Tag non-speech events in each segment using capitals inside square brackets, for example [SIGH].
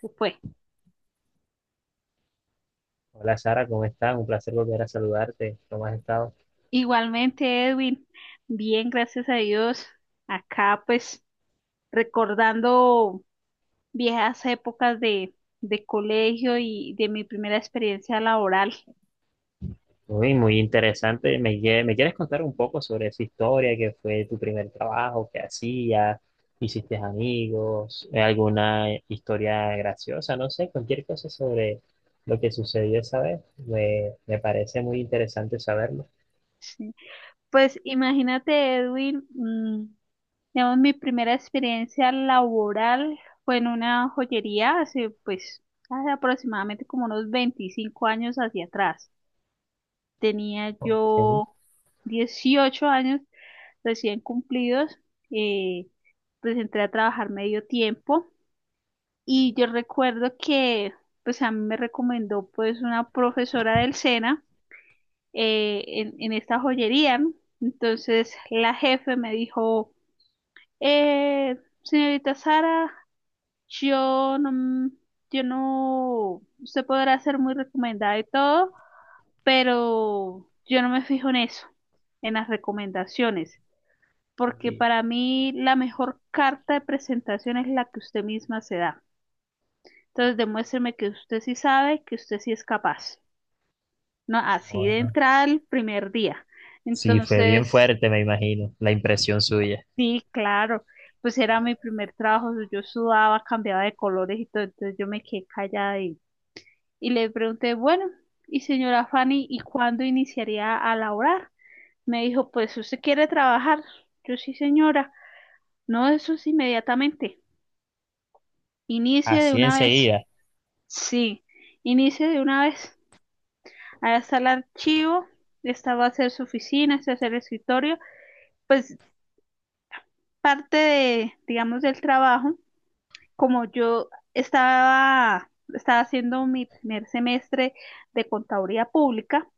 Se fue. Hola Sara, ¿cómo estás? Un placer volver a saludarte. ¿Cómo has estado? Igualmente, Edwin, bien, gracias a Dios. Acá, pues, recordando viejas épocas de colegio y de mi primera experiencia laboral. Muy, muy interesante. ¿Me quieres contar un poco sobre esa historia, ¿qué fue tu primer trabajo, qué hacías, hiciste amigos, alguna historia graciosa, no sé, cualquier cosa sobre lo que sucedió esa vez? Me parece muy interesante saberlo. Sí. Pues, imagínate, Edwin, digamos, mi primera experiencia laboral fue en una joyería hace, pues, hace aproximadamente como unos 25 años hacia atrás. Tenía Ok. yo 18 años recién cumplidos, eh, pues entré a trabajar medio tiempo y yo recuerdo que pues a mí me recomendó pues una profesora del SENA en esta joyería, ¿no? Entonces la jefe me dijo, eh, señorita Sara, yo no, mm, yo no, usted podrá ser muy recomendada y todo, pero yo no me fijo en eso, en las recomendaciones. Porque Sí. para mí la mejor carta de presentación es la que usted misma se da. Entonces demuéstreme que usted sí sabe, que usted sí es capaz. No, así de Ajá. entrada el primer día. Sí, fue bien Entonces, fuerte, me imagino, la impresión suya. sí, claro, pues era mi primer trabajo, yo sudaba, cambiaba de colores y todo, entonces yo me quedé callada y le pregunté, bueno, y señora Fanny, ¿y cuándo iniciaría a laborar? Me dijo, pues usted quiere trabajar. Yo sí, señora. No, eso es inmediatamente. Inicie de Así una vez. enseguida. Sí, inicie de una vez. Ahí está el archivo, esta va a ser su oficina, este es el escritorio. Pues parte de, digamos, del trabajo, como yo estaba haciendo mi primer semestre de contaduría pública,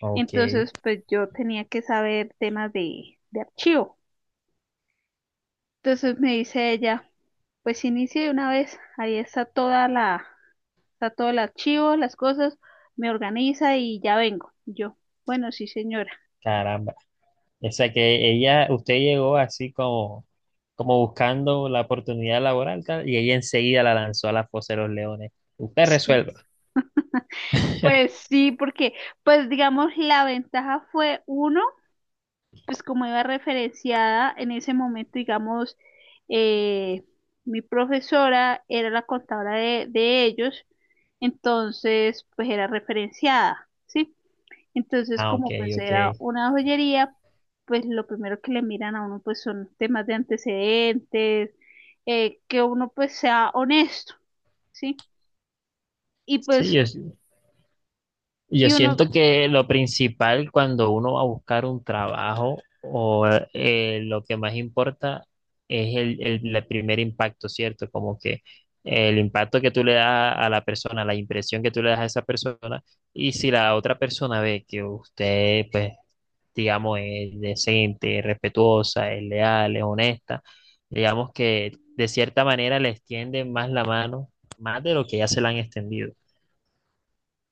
Ok, entonces pues yo tenía que saber temas de archivo. Entonces me dice ella, pues inicie de una vez, ahí está está todo el archivo, las cosas, me organiza y ya vengo. Y yo, bueno, sí, señora. caramba. O sea que ella, usted llegó así como buscando la oportunidad laboral tal, y ella enseguida la lanzó a la fosa de los leones. Usted Sí, resuelva. pues [LAUGHS] sí, porque, pues digamos, la ventaja fue uno, pues como iba referenciada en ese momento, digamos, eh, mi profesora era la contadora de ellos, entonces, pues era referenciada, ¿sí? Entonces, Ah, ok, como pues ok. era una joyería, pues lo primero que le miran a uno, pues son temas de antecedentes, que uno pues sea honesto, ¿sí? Y Sí, pues, yo y uno, siento que lo principal cuando uno va a buscar un trabajo o lo que más importa es el primer impacto, ¿cierto? Como que el impacto que tú le das a la persona, la impresión que tú le das a esa persona, y si la otra persona ve que usted pues, digamos, es decente, es respetuosa, es leal, es honesta, digamos que de cierta manera le extienden más la mano, más de lo que ya se la han extendido.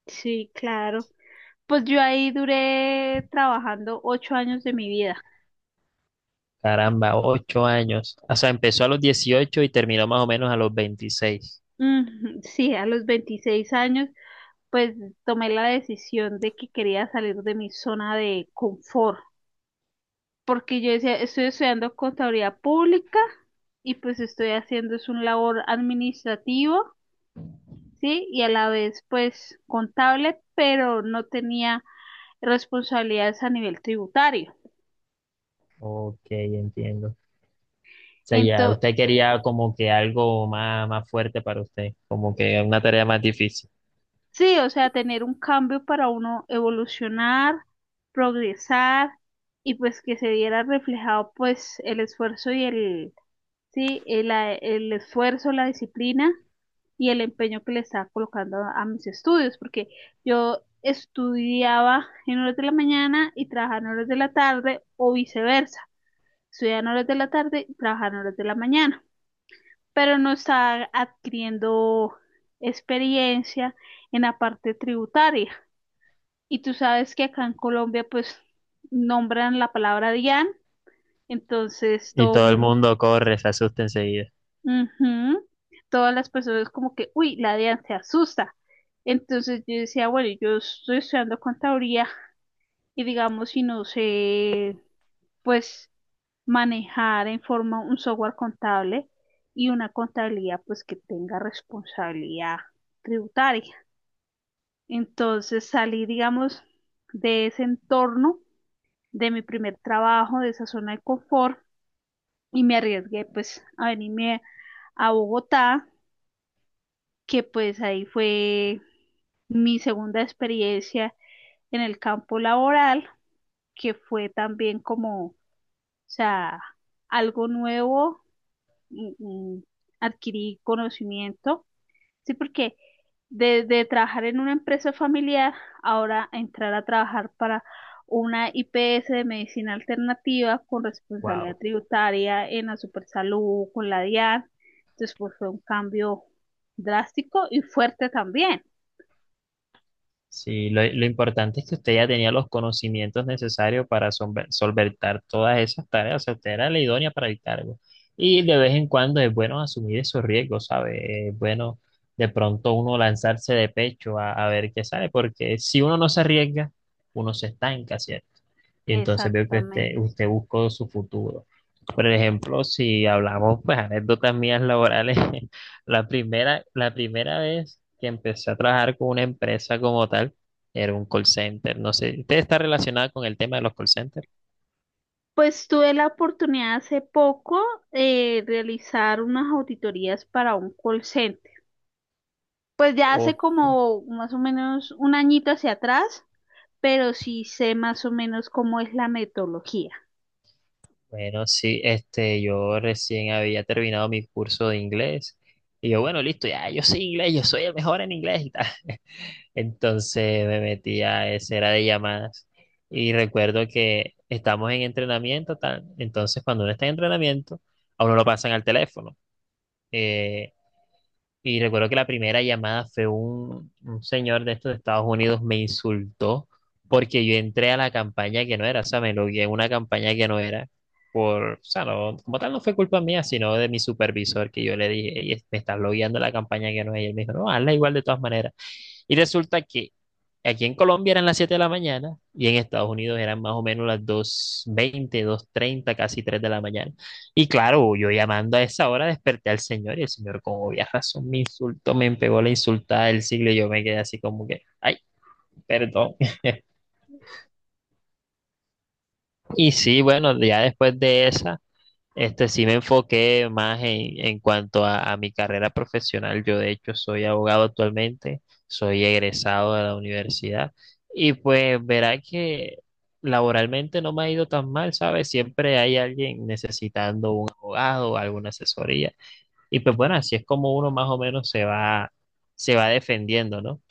sí, claro. Pues yo ahí duré trabajando 8 años de mi vida. [LAUGHS] Caramba, 8 años. O sea, empezó a los 18 y terminó más o menos a los 26. Sí, a los 26 años, pues tomé la decisión de que quería salir de mi zona de confort, porque yo decía, estoy estudiando contabilidad pública y pues estoy haciendo es un labor administrativo, sí, y a la vez pues contable, pero no tenía responsabilidades a nivel tributario. Ok, entiendo. O sea, ya Ento- usted quería como que algo más, más fuerte para usted, como que una tarea más difícil. Sí, o sea, tener un cambio para uno evolucionar, progresar y pues que se viera reflejado pues el esfuerzo y el esfuerzo, la disciplina y el empeño que le estaba colocando a mis estudios, porque yo estudiaba en horas de la mañana y trabajaba en horas de la tarde o viceversa, estudiaba en horas de la tarde y trabajaba en horas de la mañana, pero no estaba adquiriendo experiencia en la parte tributaria. Y tú sabes que acá en Colombia, pues, nombran la palabra DIAN, entonces Y todo todo el mundo, mundo corre, se asusta enseguida. ujú, todas las personas como que, uy, la DIAN se asusta. Entonces yo decía, bueno, yo estoy estudiando contaduría y digamos, si no sé, pues, manejar en forma un software contable y una contabilidad, pues, que tenga responsabilidad tributaria. Entonces salí, digamos, de ese entorno de mi primer trabajo, de esa zona de confort y me arriesgué pues a venirme a Bogotá, que pues ahí fue mi segunda experiencia en el campo laboral, que fue también como, o sea, algo nuevo, mm, mm, adquirí conocimiento, sí, porque de trabajar en una empresa familiar, ahora entrar a trabajar para una IPS de medicina alternativa con Wow. responsabilidad tributaria en la Supersalud, con la DIAN. Entonces, pues fue un cambio drástico y fuerte también. Sí, lo importante es que usted ya tenía los conocimientos necesarios para solver- solventar todas esas tareas, o sea, usted era la idónea para el cargo. Y de vez en cuando es bueno asumir esos riesgos, ¿sabe? Es bueno de pronto uno lanzarse de pecho a ver qué sale, porque si uno no se arriesga, uno se estanca, ¿cierto? Y entonces veo que usted, Exactamente. usted buscó su futuro. Por ejemplo, si hablamos, pues, anécdotas mías laborales, [LAUGHS] la primera vez que empecé a trabajar con una empresa como tal, era un call center. No sé, ¿usted está relacionada con el tema de los call centers? Pues tuve la oportunidad hace poco de realizar unas auditorías para un call center. Pues ya hace O, como más o menos un añito hacia atrás, pero sí sé más o menos cómo es la metodología. bueno, sí, este, yo recién había terminado mi curso de inglés. Y yo, bueno, listo, ya, yo soy inglés, yo soy el mejor en inglés y tal. Entonces me metí a esa era de llamadas y recuerdo que estamos en entrenamiento, tal. Entonces cuando uno está en entrenamiento, a uno lo pasan al teléfono. Eh, y recuerdo que la primera llamada fue un señor de estos de Estados Unidos me insultó porque yo entré a la campaña que no era, o sea, me logué en una campaña que no era. Por, o sea, no, como tal no fue culpa mía, sino de mi supervisor, que yo le dije: "Ey, me estás logueando a la campaña que no es". Y él me dijo, no, hazla igual de todas maneras. Y resulta que aquí en Colombia eran las 7 de la mañana y en Estados Unidos eran más o menos las 2:20, 2:30, casi 3 de la mañana. Y claro, yo llamando a esa hora desperté al señor y el señor con obvia razón me insultó, me pegó la insultada del siglo y yo me quedé así como que, ay, perdón. [LAUGHS] Y sí, bueno, ya después de esa, este, sí me enfoqué más en cuanto a mi carrera profesional. Yo, de hecho, soy abogado actualmente, soy egresado de la universidad y pues verá que laboralmente no me ha ido tan mal, ¿sabes? Siempre hay alguien necesitando un abogado o alguna asesoría. Y pues bueno, así es como uno más o menos se va defendiendo, ¿no?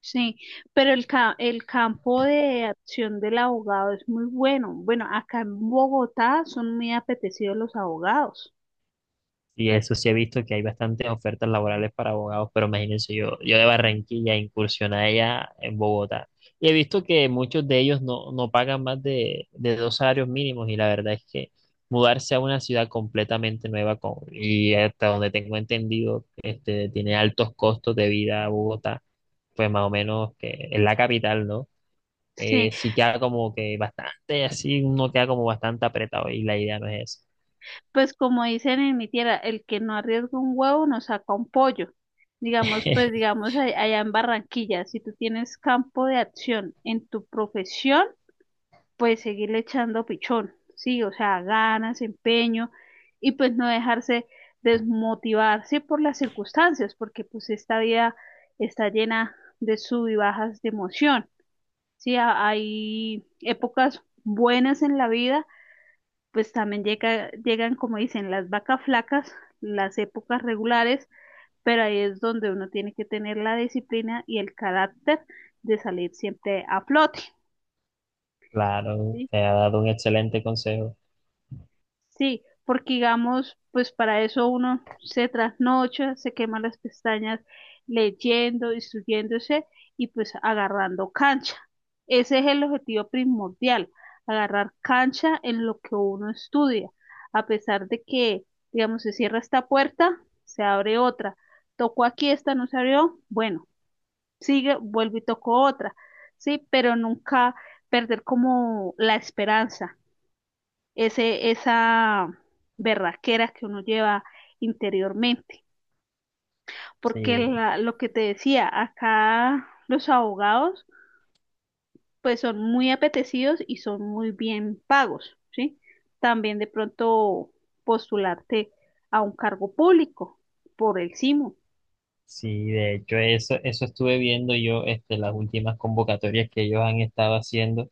Sí, pero el campo de acción del abogado es muy bueno. Bueno, acá en Bogotá son muy apetecidos los abogados. Y eso sí he visto que hay bastantes ofertas laborales para abogados, pero imagínense yo, de Barranquilla incursioné allá en Bogotá. Y he visto que muchos de ellos no pagan más de dos salarios mínimos y la verdad es que mudarse a una ciudad completamente nueva con- y hasta donde tengo entendido, este, tiene altos costos de vida Bogotá, pues más o menos que es la capital, ¿no? Sí, Sí queda como que bastante así, uno queda como bastante apretado y la idea no es pues como dicen en mi tierra, el que no arriesga un huevo no saca un pollo. Digamos, pues esa. [LAUGHS] digamos allá en Barranquilla, si tú tienes campo de acción en tu profesión, pues seguirle echando pichón, sí, o sea, ganas, empeño y pues no dejarse desmotivarse por las circunstancias, porque pues esta vida está llena de sub y bajas de emoción, sí, hay épocas buenas en la vida, pues también llegan, como dicen, las vacas flacas, las épocas regulares, pero ahí es donde uno tiene que tener la disciplina y el carácter de salir siempre a flote. Claro, ¿Sí? te ha dado un excelente consejo. Sí, porque digamos, pues para eso uno se trasnocha, se quema las pestañas leyendo, instruyéndose y pues agarrando cancha. Ese es el objetivo primordial, agarrar cancha en lo que uno estudia. A pesar de que, digamos, se cierra esta puerta, se abre otra. Tocó aquí, esta no se abrió, bueno, sigue, vuelvo y toco otra. Sí, pero nunca perder como la esperanza esa berraquera que uno lleva interiormente. Porque Sí, lo que te decía, acá los abogados pues son muy apetecidos y son muy bien pagos, ¿sí? También de pronto postularte a un cargo público por el SIMO. sí, de hecho, eso estuve viendo yo, este, las últimas convocatorias que ellos han estado haciendo.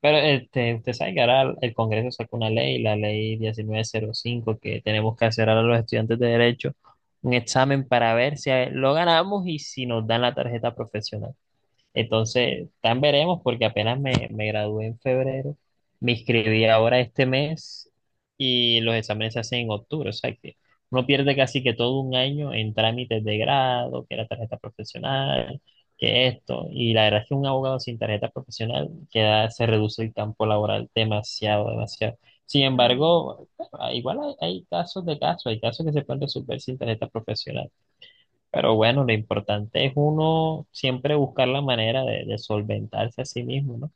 Pero este, usted sabe que ahora el Congreso sacó una ley, la ley 1905, que tenemos que hacer ahora los estudiantes de Derecho un examen para ver si lo ganamos y si nos dan la tarjeta profesional. Entonces, tan veremos, porque apenas me gradué en febrero, me inscribí ahora este mes y los exámenes se hacen en octubre, o sea que uno pierde casi que todo un año en trámites de grado, que la tarjeta profesional, que esto, y la verdad es que un abogado sin tarjeta profesional queda, se reduce el campo laboral demasiado, demasiado. Sin Mm, embargo, bueno, igual hay, hay casos de casos, hay casos que se pueden resolver sin tarjeta profesional. Pero bueno, lo importante es uno siempre buscar la manera de solventarse a sí mismo, ¿no?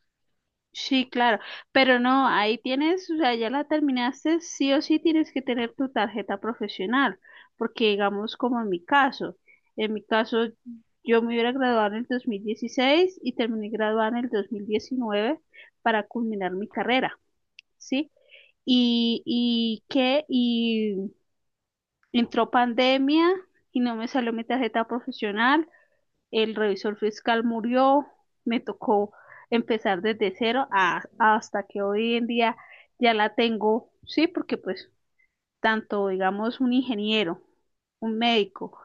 sí, claro, pero no, ahí tienes, o sea, ya la terminaste, sí o sí tienes que tener tu tarjeta profesional, porque digamos como en mi caso, en mi caso yo me hubiera graduado en el 2016 y terminé graduada en el 2019 para culminar mi carrera, ¿sí? Y entró pandemia y no me salió mi tarjeta profesional. El revisor fiscal murió, me tocó empezar desde cero hasta que hoy en día ya la tengo, sí, porque pues tanto, digamos, un ingeniero, un médico,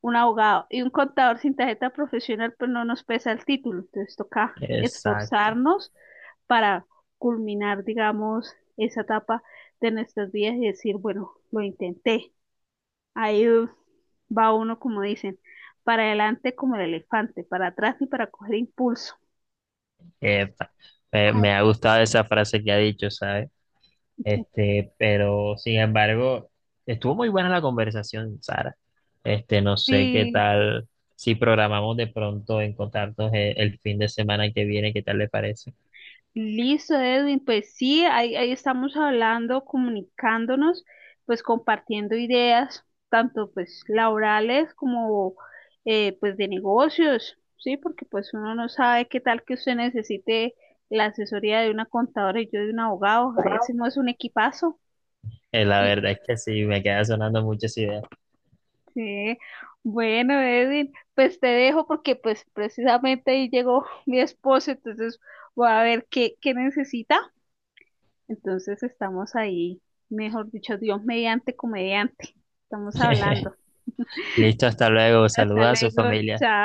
un abogado y un contador sin tarjeta profesional, pues no nos pesa el título, entonces toca Exacto. esforzarnos para culminar, digamos, esa etapa de nuestras vidas y decir, bueno, lo intenté. Ahí va uno, como dicen, para adelante como el elefante, para atrás ni para coger impulso. Epa. Me, Ay, me ha gustado esa frase que ha dicho, ¿sabes? Este, pero sin embargo, estuvo muy buena la conversación, Sara. Este, no sé qué sí, tal si programamos de pronto encontrarnos el fin de semana que viene, ¿qué tal le parece? listo, Edwin. Pues sí, ahí estamos hablando, comunicándonos, pues compartiendo ideas, tanto pues laborales como pues de negocios, sí, porque pues uno no sabe qué tal que usted necesite la asesoría de una contadora y yo de un abogado. Ahí hacemos un equipazo. La verdad es que sí, me queda sonando muchas ideas. Sí, bueno, Edwin, pues te dejo porque pues precisamente ahí llegó [LAUGHS] mi esposo, entonces voy a ver qué necesita. Entonces estamos ahí, mejor dicho, Dios mediante, comediante. Estamos hablando. [LAUGHS] Listo, hasta luego. Hasta Saluda a su luego. familia.